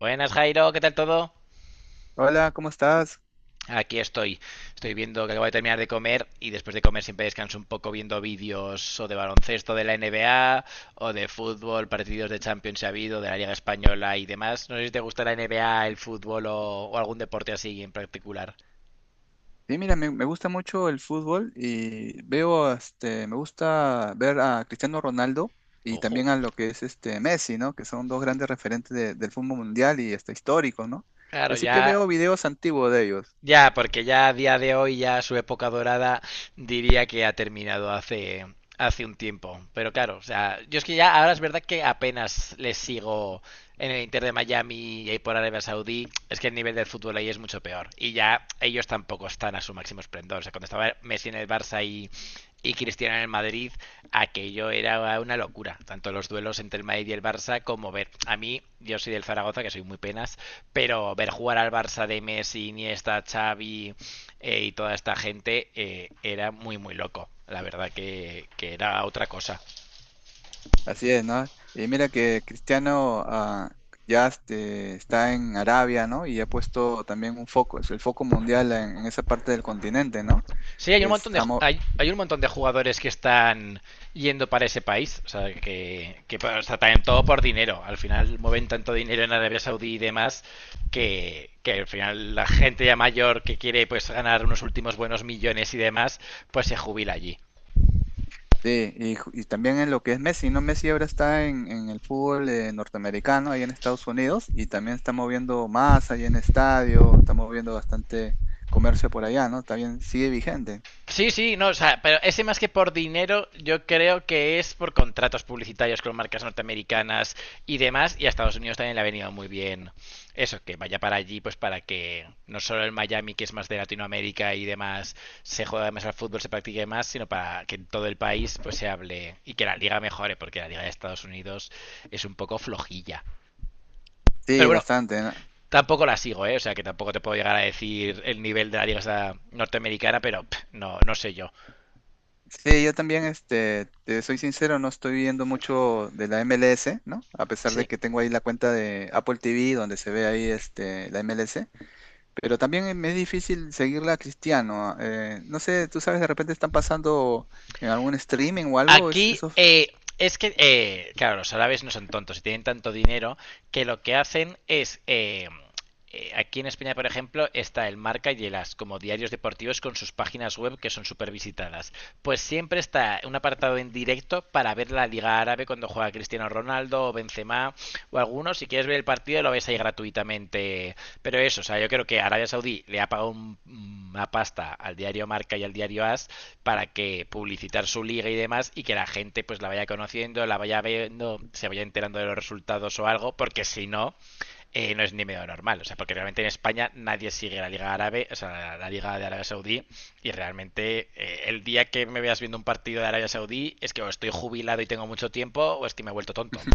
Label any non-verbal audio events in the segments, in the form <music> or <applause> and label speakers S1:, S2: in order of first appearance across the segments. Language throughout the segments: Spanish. S1: Buenas Jairo, ¿qué tal todo?
S2: Hola, ¿cómo estás?
S1: Aquí estoy. Estoy viendo que acabo de terminar de comer y después de comer siempre descanso un poco viendo vídeos o de baloncesto de la NBA o de fútbol, partidos de Champions si ha habido, de la Liga Española y demás. No sé si te gusta la NBA, el fútbol o algún deporte así en particular.
S2: Sí, mira, me gusta mucho el fútbol y veo, este, me gusta ver a Cristiano Ronaldo y
S1: Ojo.
S2: también a lo que es este Messi, ¿no? Que son dos grandes referentes del fútbol mundial y hasta históricos, ¿no? Y
S1: Claro,
S2: así que
S1: ya.
S2: veo videos antiguos de ellos.
S1: Ya, porque ya a día de hoy, ya su época dorada diría que ha terminado hace, hace un tiempo. Pero claro, o sea, yo es que ya ahora es verdad que apenas les sigo en el Inter de Miami y ahí por Arabia Saudí. Es que el nivel del fútbol ahí es mucho peor. Y ya ellos tampoco están a su máximo esplendor. O sea, cuando estaba Messi en el Barça y Cristiano en el Madrid, aquello era una locura. Tanto los duelos entre el Madrid y el Barça como ver. A mí, yo soy del Zaragoza, que soy muy penas, pero ver jugar al Barça de Messi, Iniesta, Xavi y toda esta gente era muy, muy loco. La verdad que era otra cosa.
S2: Así es, ¿no? Y mira que Cristiano ya este, está en Arabia, ¿no? Y ha puesto también un foco, es el foco mundial en esa parte del continente, ¿no?
S1: Sí, hay un
S2: Es,
S1: montón de
S2: ha, mo-
S1: hay un montón de jugadores que están yendo para ese país, o sea, que o sea, también todo por dinero. Al final mueven tanto dinero en Arabia Saudí y demás que al final la gente ya mayor que quiere pues ganar unos últimos buenos millones y demás, pues se jubila allí.
S2: Sí, y, y también en lo que es Messi, ¿no? Messi ahora está en el fútbol norteamericano, ahí en Estados Unidos, y también está moviendo más ahí en estadio, está moviendo bastante comercio por allá, ¿no? También sigue vigente.
S1: Sí, sí, no, o sea, pero ese más que por dinero, yo creo que es por contratos publicitarios con marcas norteamericanas y demás, y a Estados Unidos también le ha venido muy bien eso, que vaya para allí, pues para que no solo el Miami, que es más de Latinoamérica y demás, se juega más al fútbol, se practique más, sino para que en todo el país pues se hable y que la liga mejore, porque la liga de Estados Unidos es un poco flojilla. Pero
S2: Sí,
S1: bueno,
S2: bastante, ¿no?
S1: tampoco la sigo, ¿eh? O sea, que tampoco te puedo llegar a decir el nivel de la liga esa norteamericana, pero pff, no, no sé yo.
S2: Sí, yo también, este, te soy sincero, no estoy viendo mucho de la MLS, ¿no? A pesar de
S1: Sí.
S2: que tengo ahí la cuenta de Apple TV, donde se ve ahí, este, la MLS. Pero también es difícil seguirla a Cristiano. No sé, tú sabes, de repente están pasando en algún streaming o algo. es-
S1: Aquí
S2: esos...
S1: es que, claro, los árabes no son tontos y tienen tanto dinero que lo que hacen es... aquí en España, por ejemplo, está el Marca y el As como diarios deportivos con sus páginas web que son súper visitadas. Pues siempre está un apartado en directo para ver la Liga Árabe cuando juega Cristiano Ronaldo o Benzema o alguno. Si quieres ver el partido, lo ves ahí gratuitamente. Pero eso, o sea, yo creo que Arabia Saudí le ha pagado una pasta al diario Marca y al diario As para que publicitar su liga y demás y que la gente pues la vaya conociendo, la vaya viendo, se vaya enterando de los resultados o algo, porque si no, no es ni medio normal. O sea, porque realmente en España nadie sigue la Liga Árabe, o sea, la Liga de Arabia Saudí, y realmente el día que me veas viendo un partido de Arabia Saudí es que o estoy jubilado y tengo mucho tiempo, o es que me he vuelto tonto.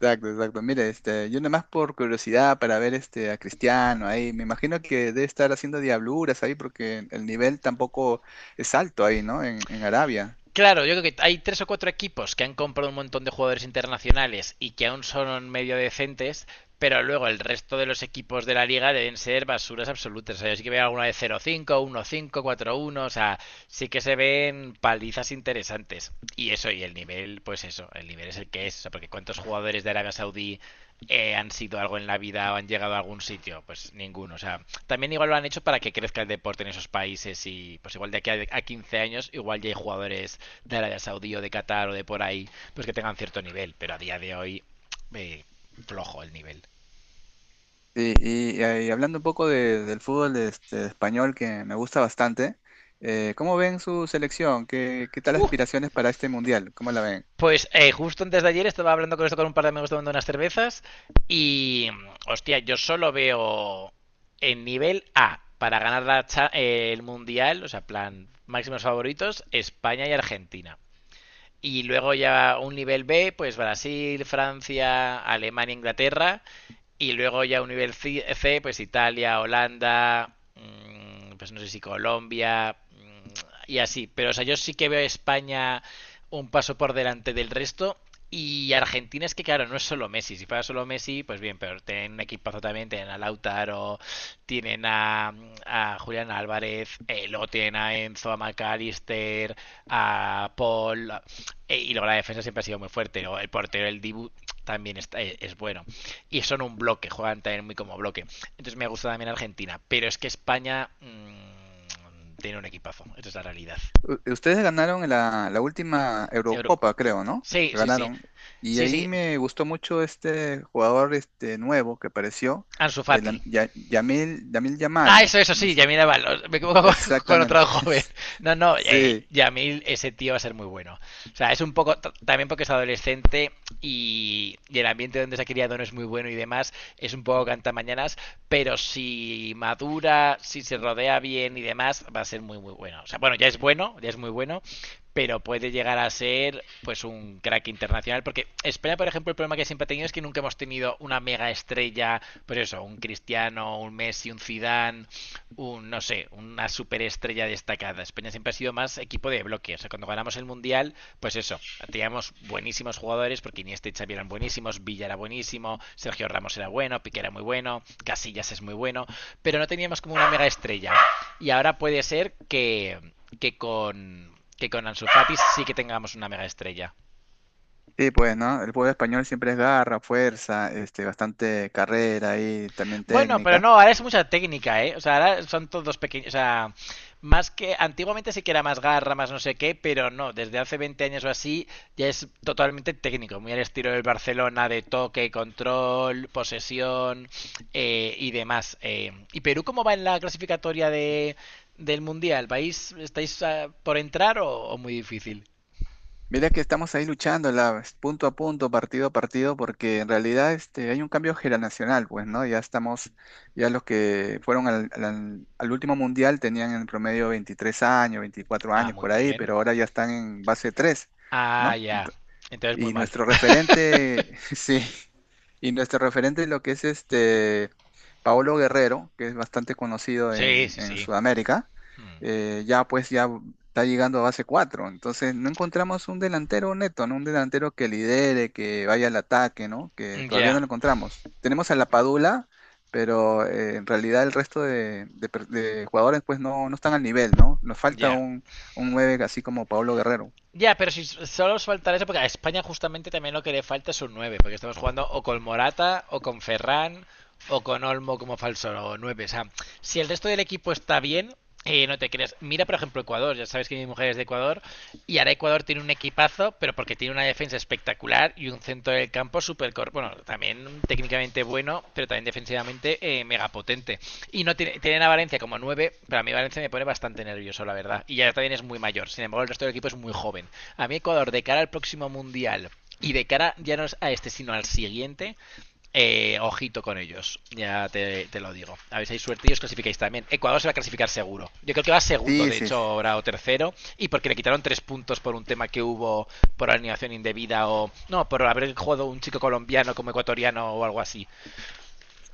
S2: Exacto, exacto. Mire, este, yo nomás por curiosidad para ver este, a Cristiano ahí. Me imagino que debe estar haciendo diabluras ahí porque el nivel tampoco es alto ahí, ¿no? En Arabia.
S1: Claro, yo creo que hay tres o cuatro equipos que han comprado un montón de jugadores internacionales y que aún son medio decentes, pero luego el resto de los equipos de la liga deben ser basuras absolutas. O sea, yo sí que veo alguna de 0-5, 1-5, 4-1, o sea, sí que se ven palizas interesantes. Y eso, y el nivel, pues eso, el nivel es el que es, o sea, porque cuántos jugadores de Arabia Saudí han sido algo en la vida o han llegado a algún sitio, pues ninguno. O sea, también igual lo han hecho para que crezca el deporte en esos países y pues igual de aquí a 15 años igual ya hay jugadores de Arabia Saudí o de Qatar o de por ahí, pues que tengan cierto nivel, pero a día de hoy eh, flojo el nivel.
S2: Y hablando un poco del fútbol este, español que me gusta bastante, ¿cómo ven su selección? ¿Qué tal
S1: Uh,
S2: aspiraciones para este mundial? ¿Cómo la ven?
S1: pues justo antes de ayer estaba hablando con esto con un par de amigos tomando unas cervezas y hostia, yo solo veo en nivel A para ganar la el mundial, o sea, plan máximos favoritos, España y Argentina. Y luego ya un nivel B, pues Brasil, Francia, Alemania, Inglaterra. Y luego ya un nivel C, pues Italia, Holanda, pues no sé si Colombia y así. Pero o sea, yo sí que veo a España un paso por delante del resto. Y Argentina es que, claro, no es solo Messi. Si fuera solo Messi, pues bien, pero tienen un equipazo también. Tienen a Lautaro, tienen a, a Julián Álvarez, luego tienen a Enzo, a McAllister, a Paul. Y luego la defensa siempre ha sido muy fuerte. Luego el portero, el Dibu, también es bueno. Y son un bloque, juegan también muy como bloque. Entonces me gusta también Argentina. Pero es que España tiene un equipazo. Esa es la realidad.
S2: Ustedes ganaron la última
S1: Euro-
S2: Eurocopa, creo, ¿no?
S1: Sí, sí, sí.
S2: Ganaron. Y
S1: Sí,
S2: ahí
S1: sí.
S2: me gustó mucho este jugador este nuevo que apareció,
S1: Ansu Fati.
S2: Yamil, Lamine
S1: Ah,
S2: Yamal,
S1: eso
S2: no
S1: sí,
S2: sé.
S1: Yamil Aval. Me equivoco con, <laughs> con
S2: Exactamente.
S1: otro joven.
S2: <laughs>
S1: No, no,
S2: Sí,
S1: Yamil, ese tío va a ser muy bueno. O sea, es un poco, también porque es adolescente y el ambiente donde se ha criado no es muy bueno y demás, es un poco cantamañanas, pero si madura, si se rodea bien y demás, va a ser muy, muy bueno. O sea, bueno, ya es muy bueno, pero puede llegar a ser pues un crack internacional, porque España por ejemplo el problema que siempre ha tenido es que nunca hemos tenido una mega estrella, pues eso, un Cristiano, un Messi, un Zidane, un no sé, una superestrella destacada. España siempre ha sido más equipo de bloque, o sea, cuando ganamos el mundial, pues eso, teníamos buenísimos jugadores porque Iniesta y Xavi eran buenísimos, Villa era buenísimo, Sergio Ramos era bueno, Piqué era muy bueno, Casillas es muy bueno, pero no teníamos como una mega estrella, y ahora puede ser que con que con Ansu Fati sí que tengamos una mega estrella.
S2: sí, pues, ¿no? El juego español siempre es garra, fuerza, este, bastante carrera y también
S1: Bueno, pero
S2: técnica.
S1: no, ahora es mucha técnica, ¿eh? O sea, ahora son todos pequeños, o sea, más que antiguamente sí que era más garra, más no sé qué, pero no, desde hace 20 años o así ya es totalmente técnico, muy al estilo del Barcelona de toque, control, posesión y demás. ¿Y Perú cómo va en la clasificatoria de, del Mundial? ¿Vais, estáis por entrar o muy difícil?
S2: Mira que estamos ahí luchando punto a punto, partido a partido, porque en realidad este, hay un cambio generacional, pues, ¿no? Ya estamos, ya los que fueron al último mundial tenían en promedio 23 años, 24
S1: Ah,
S2: años
S1: muy
S2: por ahí,
S1: bien.
S2: pero ahora ya están en base tres,
S1: Ah,
S2: ¿no?
S1: ya. Entonces muy
S2: Y
S1: mal.
S2: nuestro referente, <laughs> sí, y nuestro referente lo que es este Paolo Guerrero, que es bastante conocido
S1: Sí,
S2: en,
S1: sí,
S2: en
S1: sí.
S2: Sudamérica.
S1: Mm.
S2: Ya pues ya está llegando a base cuatro, entonces no encontramos un delantero neto, ¿no? Un delantero que lidere, que vaya al ataque, ¿no? Que todavía no
S1: Ya,
S2: lo encontramos. Tenemos a la Padula, pero en realidad el resto de jugadores pues no, no están al nivel, ¿no? Nos falta
S1: ya.
S2: un, 9 así como Paolo Guerrero.
S1: Ya, pero si solo os faltará eso, porque a España justamente también lo que le falta es un 9, porque estamos jugando o con Morata, o con Ferran, o con Olmo como falso 9. O sea, si el resto del equipo está bien, no te creas. Mira, por ejemplo, Ecuador. Ya sabes que mi mujer es de Ecuador. Y ahora Ecuador tiene un equipazo, pero porque tiene una defensa espectacular y un centro del campo súper. Bueno, también técnicamente bueno, pero también defensivamente mega potente. Y no tienen a Valencia como nueve, pero a mí Valencia me pone bastante nervioso, la verdad. Y ya también es muy mayor. Sin embargo, el resto del equipo es muy joven. A mí Ecuador, de cara al próximo Mundial y de cara ya no es a este, sino al siguiente, ojito con ellos. Ya te lo digo. A ver si hay suerte y os clasificáis también. Ecuador se va a clasificar seguro. Yo creo que va segundo,
S2: Sí,
S1: de
S2: sí,
S1: hecho,
S2: sí.
S1: ahora o tercero. Y porque le quitaron tres puntos por un tema que hubo por alineación indebida o... No, por haber jugado un chico colombiano como ecuatoriano o algo así.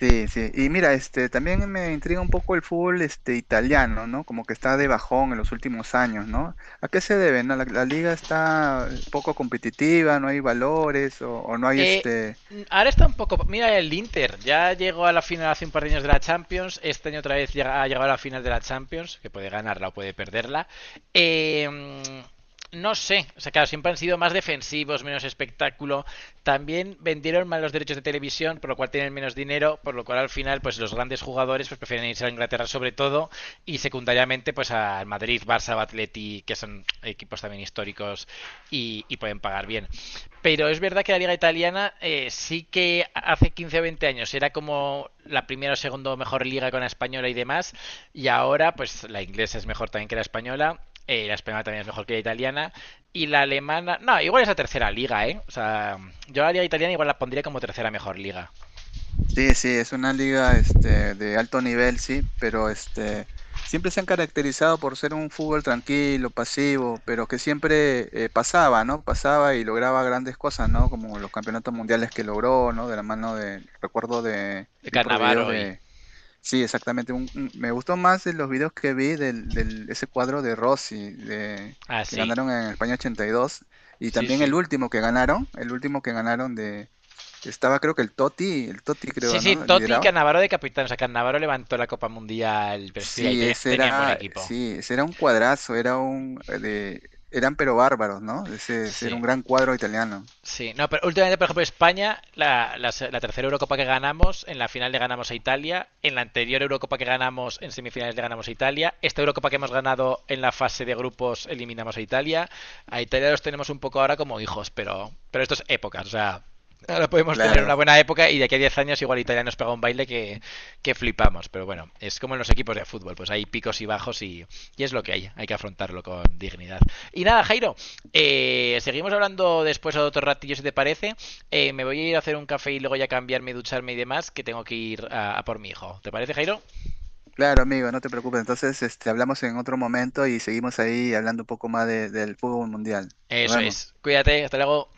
S2: Sí, sí. Y mira, este, también me intriga un poco el fútbol, este, italiano, ¿no? Como que está de bajón en los últimos años, ¿no? ¿A qué se debe? ¿No? La liga está poco competitiva, no hay valores o no hay
S1: Eh,
S2: este.
S1: ahora está un poco. Mira el Inter, ya llegó a la final hace un par de años de la Champions. Este año otra vez ha llegado a la final de la Champions, que puede ganarla o puede perderla. Eh, no sé, o sea, claro, siempre han sido más defensivos, menos espectáculo. También vendieron mal los derechos de televisión, por lo cual tienen menos dinero, por lo cual al final, pues los grandes jugadores pues, prefieren irse a Inglaterra sobre todo y secundariamente pues al Madrid, Barça, Atleti, que son equipos también históricos y, pueden pagar bien. Pero es verdad que la liga italiana sí que hace 15 o 20 años era como la primera o segunda mejor liga con la española y demás, y ahora pues la inglesa es mejor también que la española. La española también es mejor que la italiana. Y la alemana. No, igual es la tercera liga, ¿eh? O sea, yo la liga italiana igual la pondría como tercera mejor liga.
S2: Sí, sí, es una liga, este, de alto nivel, sí, pero este, siempre se han caracterizado por ser un fútbol tranquilo, pasivo, pero que siempre pasaba, ¿no? Pasaba y lograba grandes cosas, ¿no? Como los campeonatos mundiales que logró, ¿no? De la mano de, recuerdo de, vi por videos
S1: Carnavaro y.
S2: de. Sí, exactamente. Me gustó más de los videos que vi ese cuadro de Rossi de,
S1: Ah,
S2: que
S1: sí.
S2: ganaron en España 82 y dos, y
S1: Sí,
S2: también el
S1: sí.
S2: último que ganaron, el último que ganaron de que estaba creo que el Totti
S1: Sí,
S2: creo,
S1: sí,
S2: ¿no?
S1: Totti y
S2: Lideraba.
S1: Cannavaro de capitán. O sea, Cannavaro levantó la Copa Mundial, pero sí, tenían buen equipo.
S2: Sí, ese era un cuadrazo, era un de, eran pero bárbaros, ¿no? Ese era
S1: Sí.
S2: un gran cuadro italiano.
S1: Sí, no, pero últimamente, por ejemplo, España, la tercera Eurocopa que ganamos, en la final le ganamos a Italia, en la anterior Eurocopa que ganamos, en semifinales le ganamos a Italia, esta Eurocopa que hemos ganado en la fase de grupos eliminamos a Italia los tenemos un poco ahora como hijos, pero esto es épocas, o sea, ahora podemos tener una
S2: Claro.
S1: buena época y de aquí a 10 años igual Italia nos pega un baile que flipamos, pero bueno, es como en los equipos de fútbol, pues hay picos y bajos y es lo que hay que afrontarlo con dignidad. Y nada, Jairo, seguimos hablando después a otro ratillo, si te parece. Me voy a ir a hacer un café y luego ya cambiarme, ducharme y demás, que tengo que ir a por mi hijo. ¿Te parece, Jairo?
S2: Claro, amigo, no te preocupes. Entonces, este, hablamos en otro momento y seguimos ahí hablando un poco más del fútbol mundial. Nos
S1: Eso
S2: vemos.
S1: es. Cuídate, hasta luego.